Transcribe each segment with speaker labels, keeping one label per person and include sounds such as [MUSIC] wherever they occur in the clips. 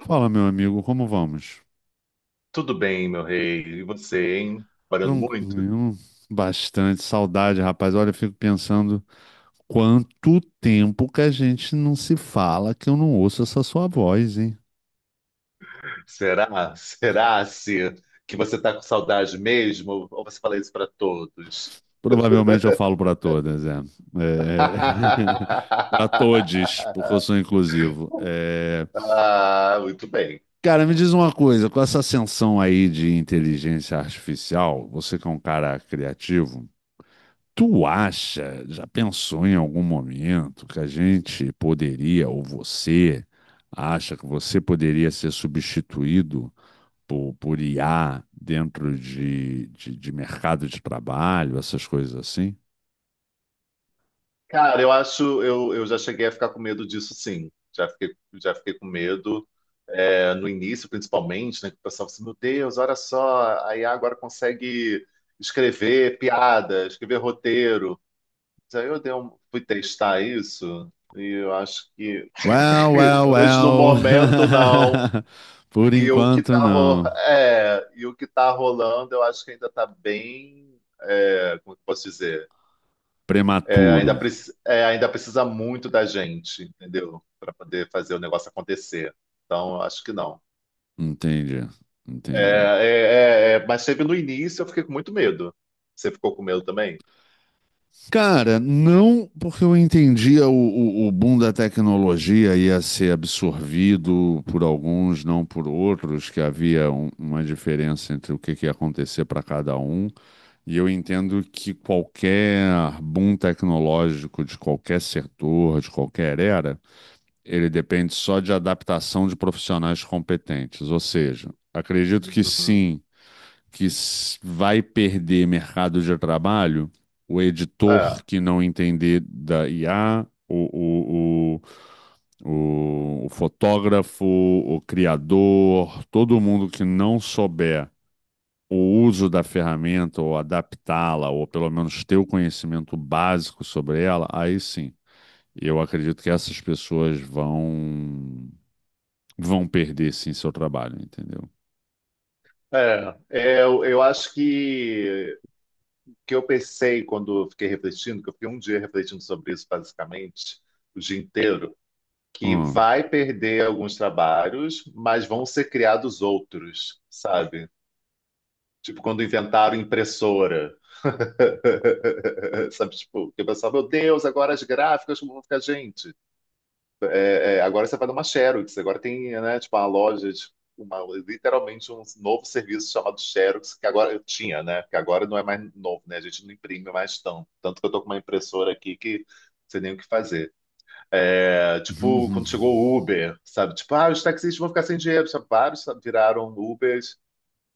Speaker 1: Fala, meu amigo, como vamos?
Speaker 2: Tudo bem, meu rei. E você, hein? Parando muito?
Speaker 1: Tranquilo, bastante saudade, rapaz. Olha, eu fico pensando quanto tempo que a gente não se fala, que eu não ouço essa sua voz, hein?
Speaker 2: Será? Será se que você está com saudade mesmo? Ou você fala isso para todos?
Speaker 1: Provavelmente eu falo para todas, é. É... [LAUGHS] Para todes, porque eu sou
Speaker 2: [LAUGHS]
Speaker 1: inclusivo.
Speaker 2: Ah, muito bem.
Speaker 1: Cara, me diz uma coisa, com essa ascensão aí de inteligência artificial, você que é um cara criativo. Tu acha, já pensou em algum momento que a gente poderia, ou você acha que você poderia ser substituído por IA dentro de mercado de trabalho, essas coisas assim?
Speaker 2: Cara, eu acho, eu já cheguei a ficar com medo disso, sim. Já fiquei com medo, no início, principalmente, né? Que o pessoal assim, meu Deus, olha só, a IA agora consegue escrever piada, escrever roteiro. Aí eu dei um- fui testar isso e
Speaker 1: Well,
Speaker 2: [LAUGHS]
Speaker 1: well,
Speaker 2: pelo menos no
Speaker 1: well.
Speaker 2: momento, não.
Speaker 1: [LAUGHS] Por
Speaker 2: E o que
Speaker 1: enquanto,
Speaker 2: tá, ro...
Speaker 1: não.
Speaker 2: [LAUGHS] e o que tá rolando, eu acho que ainda tá bem. Como que eu posso dizer? É,
Speaker 1: Prematuro.
Speaker 2: ainda precisa muito da gente, entendeu? Para poder fazer o negócio acontecer. Então, eu acho que não.
Speaker 1: Entende? Entende.
Speaker 2: Mas teve no início, eu fiquei com muito medo. Você ficou com medo também?
Speaker 1: Cara, não porque eu entendia o boom da tecnologia ia ser absorvido por alguns, não por outros, que havia uma diferença entre o que ia acontecer para cada um. E eu entendo que qualquer boom tecnológico de qualquer setor, de qualquer era, ele depende só de adaptação de profissionais competentes. Ou seja, acredito que
Speaker 2: Uhum.
Speaker 1: sim vai perder mercado de trabalho, o editor
Speaker 2: É,
Speaker 1: que não entender da IA, o, o fotógrafo, o criador, todo mundo que não souber o uso da ferramenta ou adaptá-la, ou pelo menos ter o conhecimento básico sobre ela, aí sim. Eu acredito que essas pessoas vão perder sim seu trabalho, entendeu?
Speaker 2: eu acho que eu pensei quando eu fiquei refletindo, que eu fiquei um dia refletindo sobre isso basicamente, o dia inteiro, que
Speaker 1: Hum.
Speaker 2: vai perder alguns trabalhos, mas vão ser criados outros, sabe? Tipo, quando inventaram impressora. [LAUGHS] Sabe, tipo, que eu pensava, meu Deus, agora as gráficas como vão ficar, gente. É, agora você vai numa Xerox, agora tem, né, tipo, uma loja, uma, literalmente um novo serviço chamado Xerox, que agora eu tinha, né, que agora não é mais novo, né, a gente não imprime mais tanto, tanto que eu tô com uma impressora aqui que não sei nem o que fazer. É, tipo, quando chegou o
Speaker 1: [LAUGHS]
Speaker 2: Uber, sabe, tipo, ah, os taxistas vão ficar sem dinheiro, sabe? Vários, sabe, viraram Ubers,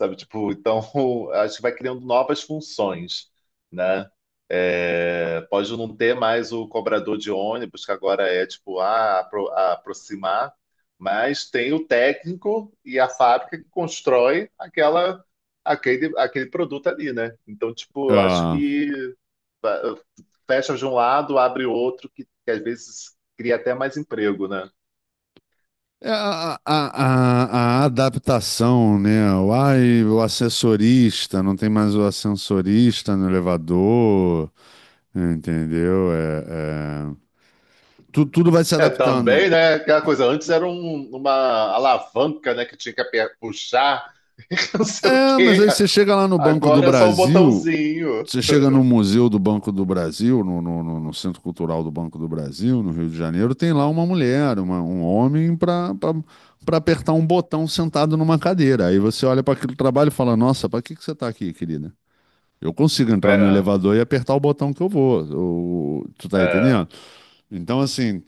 Speaker 2: sabe? Tipo, então [LAUGHS] acho que vai criando novas funções, né? É, pode não ter mais o cobrador de ônibus, que agora é a aproximar, mas tem o técnico e a fábrica que constrói aquele produto ali, né? Então, tipo, eu acho
Speaker 1: Ah.
Speaker 2: que va- fecha de um lado, abre outro, que, às vezes cria até mais emprego, né?
Speaker 1: É, A, a, a adaptação, né? O assessorista, não tem mais o ascensorista no elevador, entendeu? É, tudo vai se
Speaker 2: É,
Speaker 1: adaptando.
Speaker 2: também, né? Aquela coisa, antes era uma alavanca, né? Que tinha que aper- puxar, [LAUGHS] e não sei o
Speaker 1: É, mas
Speaker 2: quê.
Speaker 1: aí você chega lá no Banco do
Speaker 2: Agora é só um
Speaker 1: Brasil,
Speaker 2: botãozinho.
Speaker 1: você chega no Museu do Banco do Brasil, no Centro Cultural do Banco do Brasil, no Rio de Janeiro, tem lá uma mulher, um homem para apertar um botão sentado numa cadeira. Aí você olha para aquele trabalho e fala: Nossa, para que que você está aqui, querida? Eu consigo entrar no
Speaker 2: É,
Speaker 1: elevador e apertar o botão que eu vou. Tu tá entendendo?
Speaker 2: é.
Speaker 1: Então, assim,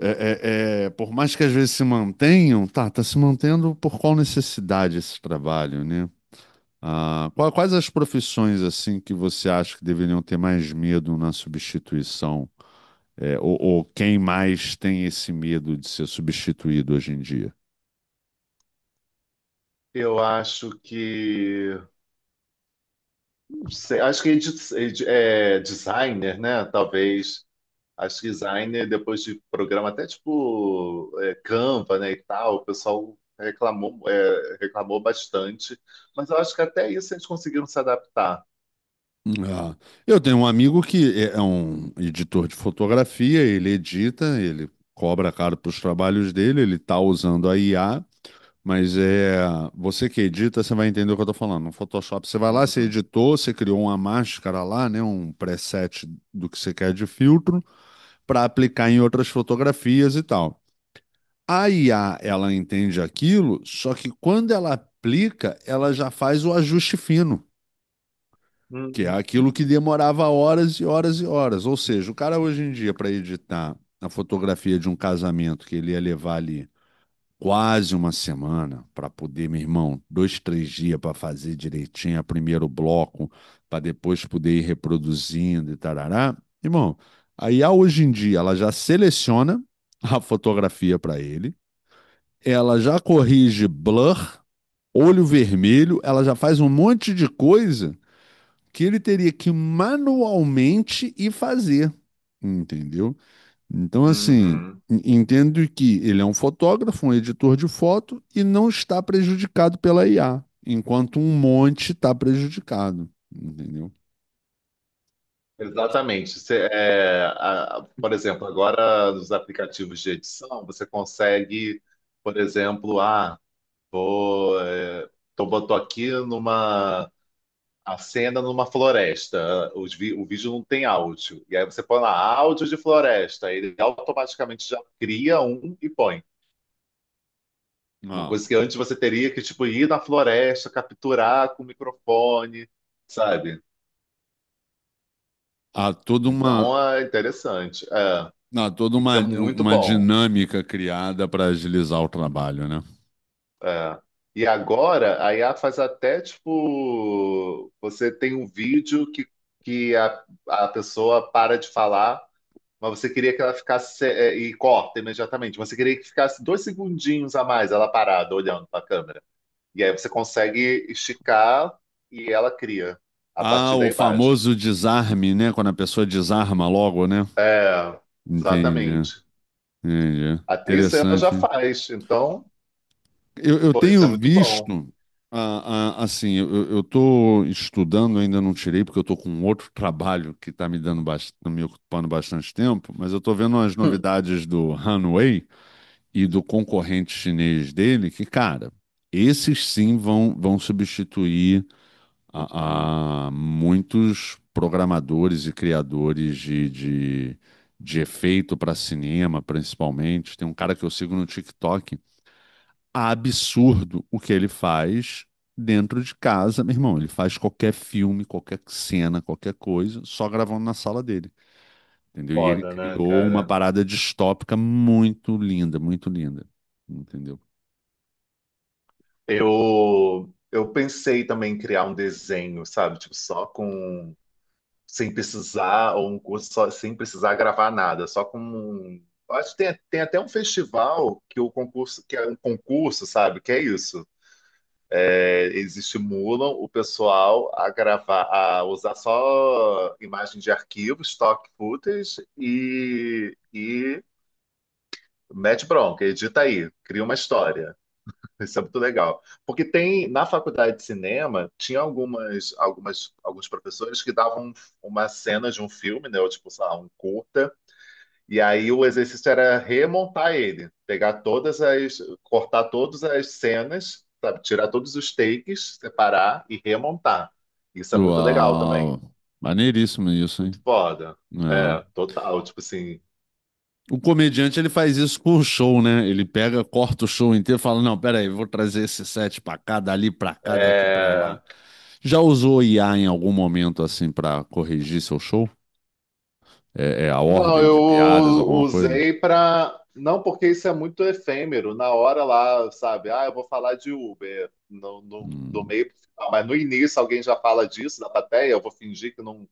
Speaker 1: por mais que às vezes se mantenham, tá se mantendo por qual necessidade esse trabalho, né? Ah, quais as profissões, assim, que você acha que deveriam ter mais medo na substituição? Ou quem mais tem esse medo de ser substituído hoje em dia?
Speaker 2: Eu acho que. Não sei, acho que designer, né? Talvez. Acho que designer, depois de programa, Canva, né? E tal, o pessoal reclamou, reclamou bastante. Mas eu acho que até isso eles conseguiram se adaptar.
Speaker 1: Ah, eu tenho um amigo que é um editor de fotografia, ele edita, ele cobra caro para os trabalhos dele, ele está usando a IA, mas é você que edita, você vai entender o que eu estou falando. No Photoshop, você vai lá, você
Speaker 2: Uhum.
Speaker 1: editou, você criou uma máscara lá, né, um preset do que você quer de filtro para aplicar em outras fotografias e tal. A IA, ela entende aquilo, só que quando ela aplica, ela já faz o ajuste fino. Que é
Speaker 2: Uhum.
Speaker 1: aquilo que demorava horas e horas e horas. Ou seja, o cara hoje em dia, para editar a fotografia de um casamento que ele ia levar ali quase uma semana para poder, meu irmão, dois, três dias para fazer direitinho a primeiro bloco, para depois poder ir reproduzindo e tarará. Irmão, a IA hoje em dia, ela já seleciona [LAUGHS] a fotografia para ele, ela já corrige blur, olho vermelho, ela já faz um monte de coisa que ele teria que manualmente ir fazer, entendeu? Então, assim,
Speaker 2: Uhum.
Speaker 1: entendo que ele é um fotógrafo, um editor de foto e não está prejudicado pela IA, enquanto um monte está prejudicado, entendeu?
Speaker 2: Exatamente. Por exemplo, agora nos aplicativos de edição, você consegue, por exemplo, vou, é, botou aqui numa a cena numa floresta. O vídeo não tem áudio. E aí você põe lá áudio de floresta. Ele automaticamente já cria um e põe. Uma coisa
Speaker 1: Ah,
Speaker 2: que antes você teria que tipo ir na floresta, capturar com o microfone, sabe?
Speaker 1: há toda
Speaker 2: Então é interessante. É.
Speaker 1: Não, toda
Speaker 2: Pix
Speaker 1: uma,
Speaker 2: é muito
Speaker 1: uma
Speaker 2: bom.
Speaker 1: dinâmica criada para agilizar o trabalho, né?
Speaker 2: É. E agora a IA faz até tipo, você tem um vídeo que a pessoa para de falar, mas você queria que ela ficasse e corta imediatamente. Você queria que ficasse dois segundinhos a mais ela parada, olhando para a câmera. E aí você consegue esticar e ela cria a
Speaker 1: Ah,
Speaker 2: partir da
Speaker 1: o
Speaker 2: imagem.
Speaker 1: famoso desarme, né? Quando a pessoa desarma logo, né?
Speaker 2: É,
Speaker 1: Entendi,
Speaker 2: exatamente.
Speaker 1: entendi.
Speaker 2: Até isso ela já
Speaker 1: Interessante. Hein?
Speaker 2: faz. Então,
Speaker 1: Eu
Speaker 2: pô, isso
Speaker 1: tenho
Speaker 2: é muito bom.
Speaker 1: visto, assim, eu estou estudando, ainda não tirei, porque eu estou com outro trabalho que está me dando bastante, me ocupando bastante tempo, mas eu estou vendo as novidades do Hanwei e do concorrente chinês dele, que, cara, esses sim vão, vão substituir a muitos programadores e criadores de efeito para cinema, principalmente. Tem um cara que eu sigo no TikTok absurdo o que ele faz dentro de casa, meu irmão. Ele faz qualquer filme, qualquer cena, qualquer coisa, só gravando na sala dele, entendeu? E ele
Speaker 2: Foda, né,
Speaker 1: criou uma
Speaker 2: cara?
Speaker 1: parada distópica muito linda, entendeu?
Speaker 2: Eu pensei também em criar um desenho, sabe? Tipo, só com. Sem precisar, ou um curso só, sem precisar gravar nada, só com. Eu acho que tem, tem até um festival que é um concurso, sabe? Que é isso. É, eles estimulam o pessoal a gravar, a usar só imagem de arquivo, stock footage e mete bronca, edita aí, cria uma história. Isso é muito legal. Porque tem, na faculdade de cinema, tinha alguns professores que davam um, uma cena de um filme, né? Ou tipo, sei lá, um curta. E aí o exercício era remontar ele, cortar todas as cenas, sabe? Tirar todos os takes, separar e remontar. Isso é muito legal também.
Speaker 1: Uau! Maneiríssimo isso,
Speaker 2: Muito
Speaker 1: hein?
Speaker 2: foda. É,
Speaker 1: É.
Speaker 2: total. Tipo assim,
Speaker 1: O comediante ele faz isso com o show, né? Ele pega, corta o show inteiro, e fala: Não, peraí, vou trazer esse set pra cá, dali pra cá, daqui pra lá.
Speaker 2: é...
Speaker 1: Já usou IA em algum momento assim pra corrigir seu show? É, é a
Speaker 2: Não,
Speaker 1: ordem
Speaker 2: eu
Speaker 1: de piadas, alguma coisa?
Speaker 2: usei para. Não, porque isso é muito efêmero. Na hora lá, sabe? Ah, eu vou falar de Uber do
Speaker 1: Hum.
Speaker 2: meio pro final. Mas no início alguém já fala disso da plateia, eu vou fingir que não.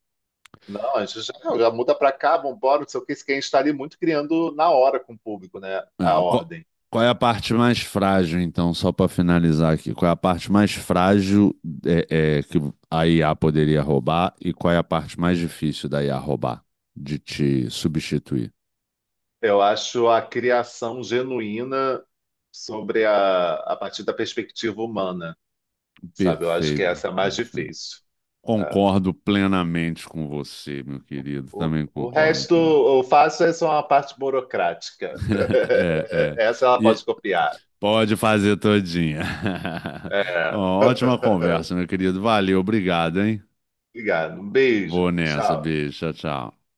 Speaker 2: Não, a gente já, já muda para cá, vambora, não sei o que. Isso que a gente está ali muito criando na hora com o público, né? A
Speaker 1: É, qual,
Speaker 2: ordem.
Speaker 1: qual é a parte mais frágil, então, só para finalizar aqui? Qual é a parte mais frágil que a IA poderia roubar e qual é a parte mais difícil da IA roubar, de te substituir?
Speaker 2: Eu acho a criação genuína sobre a partir da perspectiva humana, sabe? Eu acho que
Speaker 1: Perfeito,
Speaker 2: essa é a mais
Speaker 1: perfeito.
Speaker 2: difícil. É.
Speaker 1: Concordo plenamente com você, meu querido.
Speaker 2: O,
Speaker 1: Também
Speaker 2: o
Speaker 1: concordo
Speaker 2: resto,
Speaker 1: com. [LAUGHS]
Speaker 2: o fácil é só uma parte burocrática.
Speaker 1: É,
Speaker 2: [LAUGHS]
Speaker 1: é.
Speaker 2: Essa ela
Speaker 1: E
Speaker 2: pode copiar.
Speaker 1: pode fazer todinha. [LAUGHS] Bom,
Speaker 2: É.
Speaker 1: ótima
Speaker 2: [LAUGHS]
Speaker 1: conversa, meu querido. Valeu, obrigado, hein?
Speaker 2: Obrigado. Um beijo.
Speaker 1: Vou nessa,
Speaker 2: Tchau.
Speaker 1: beijo, tchau, tchau.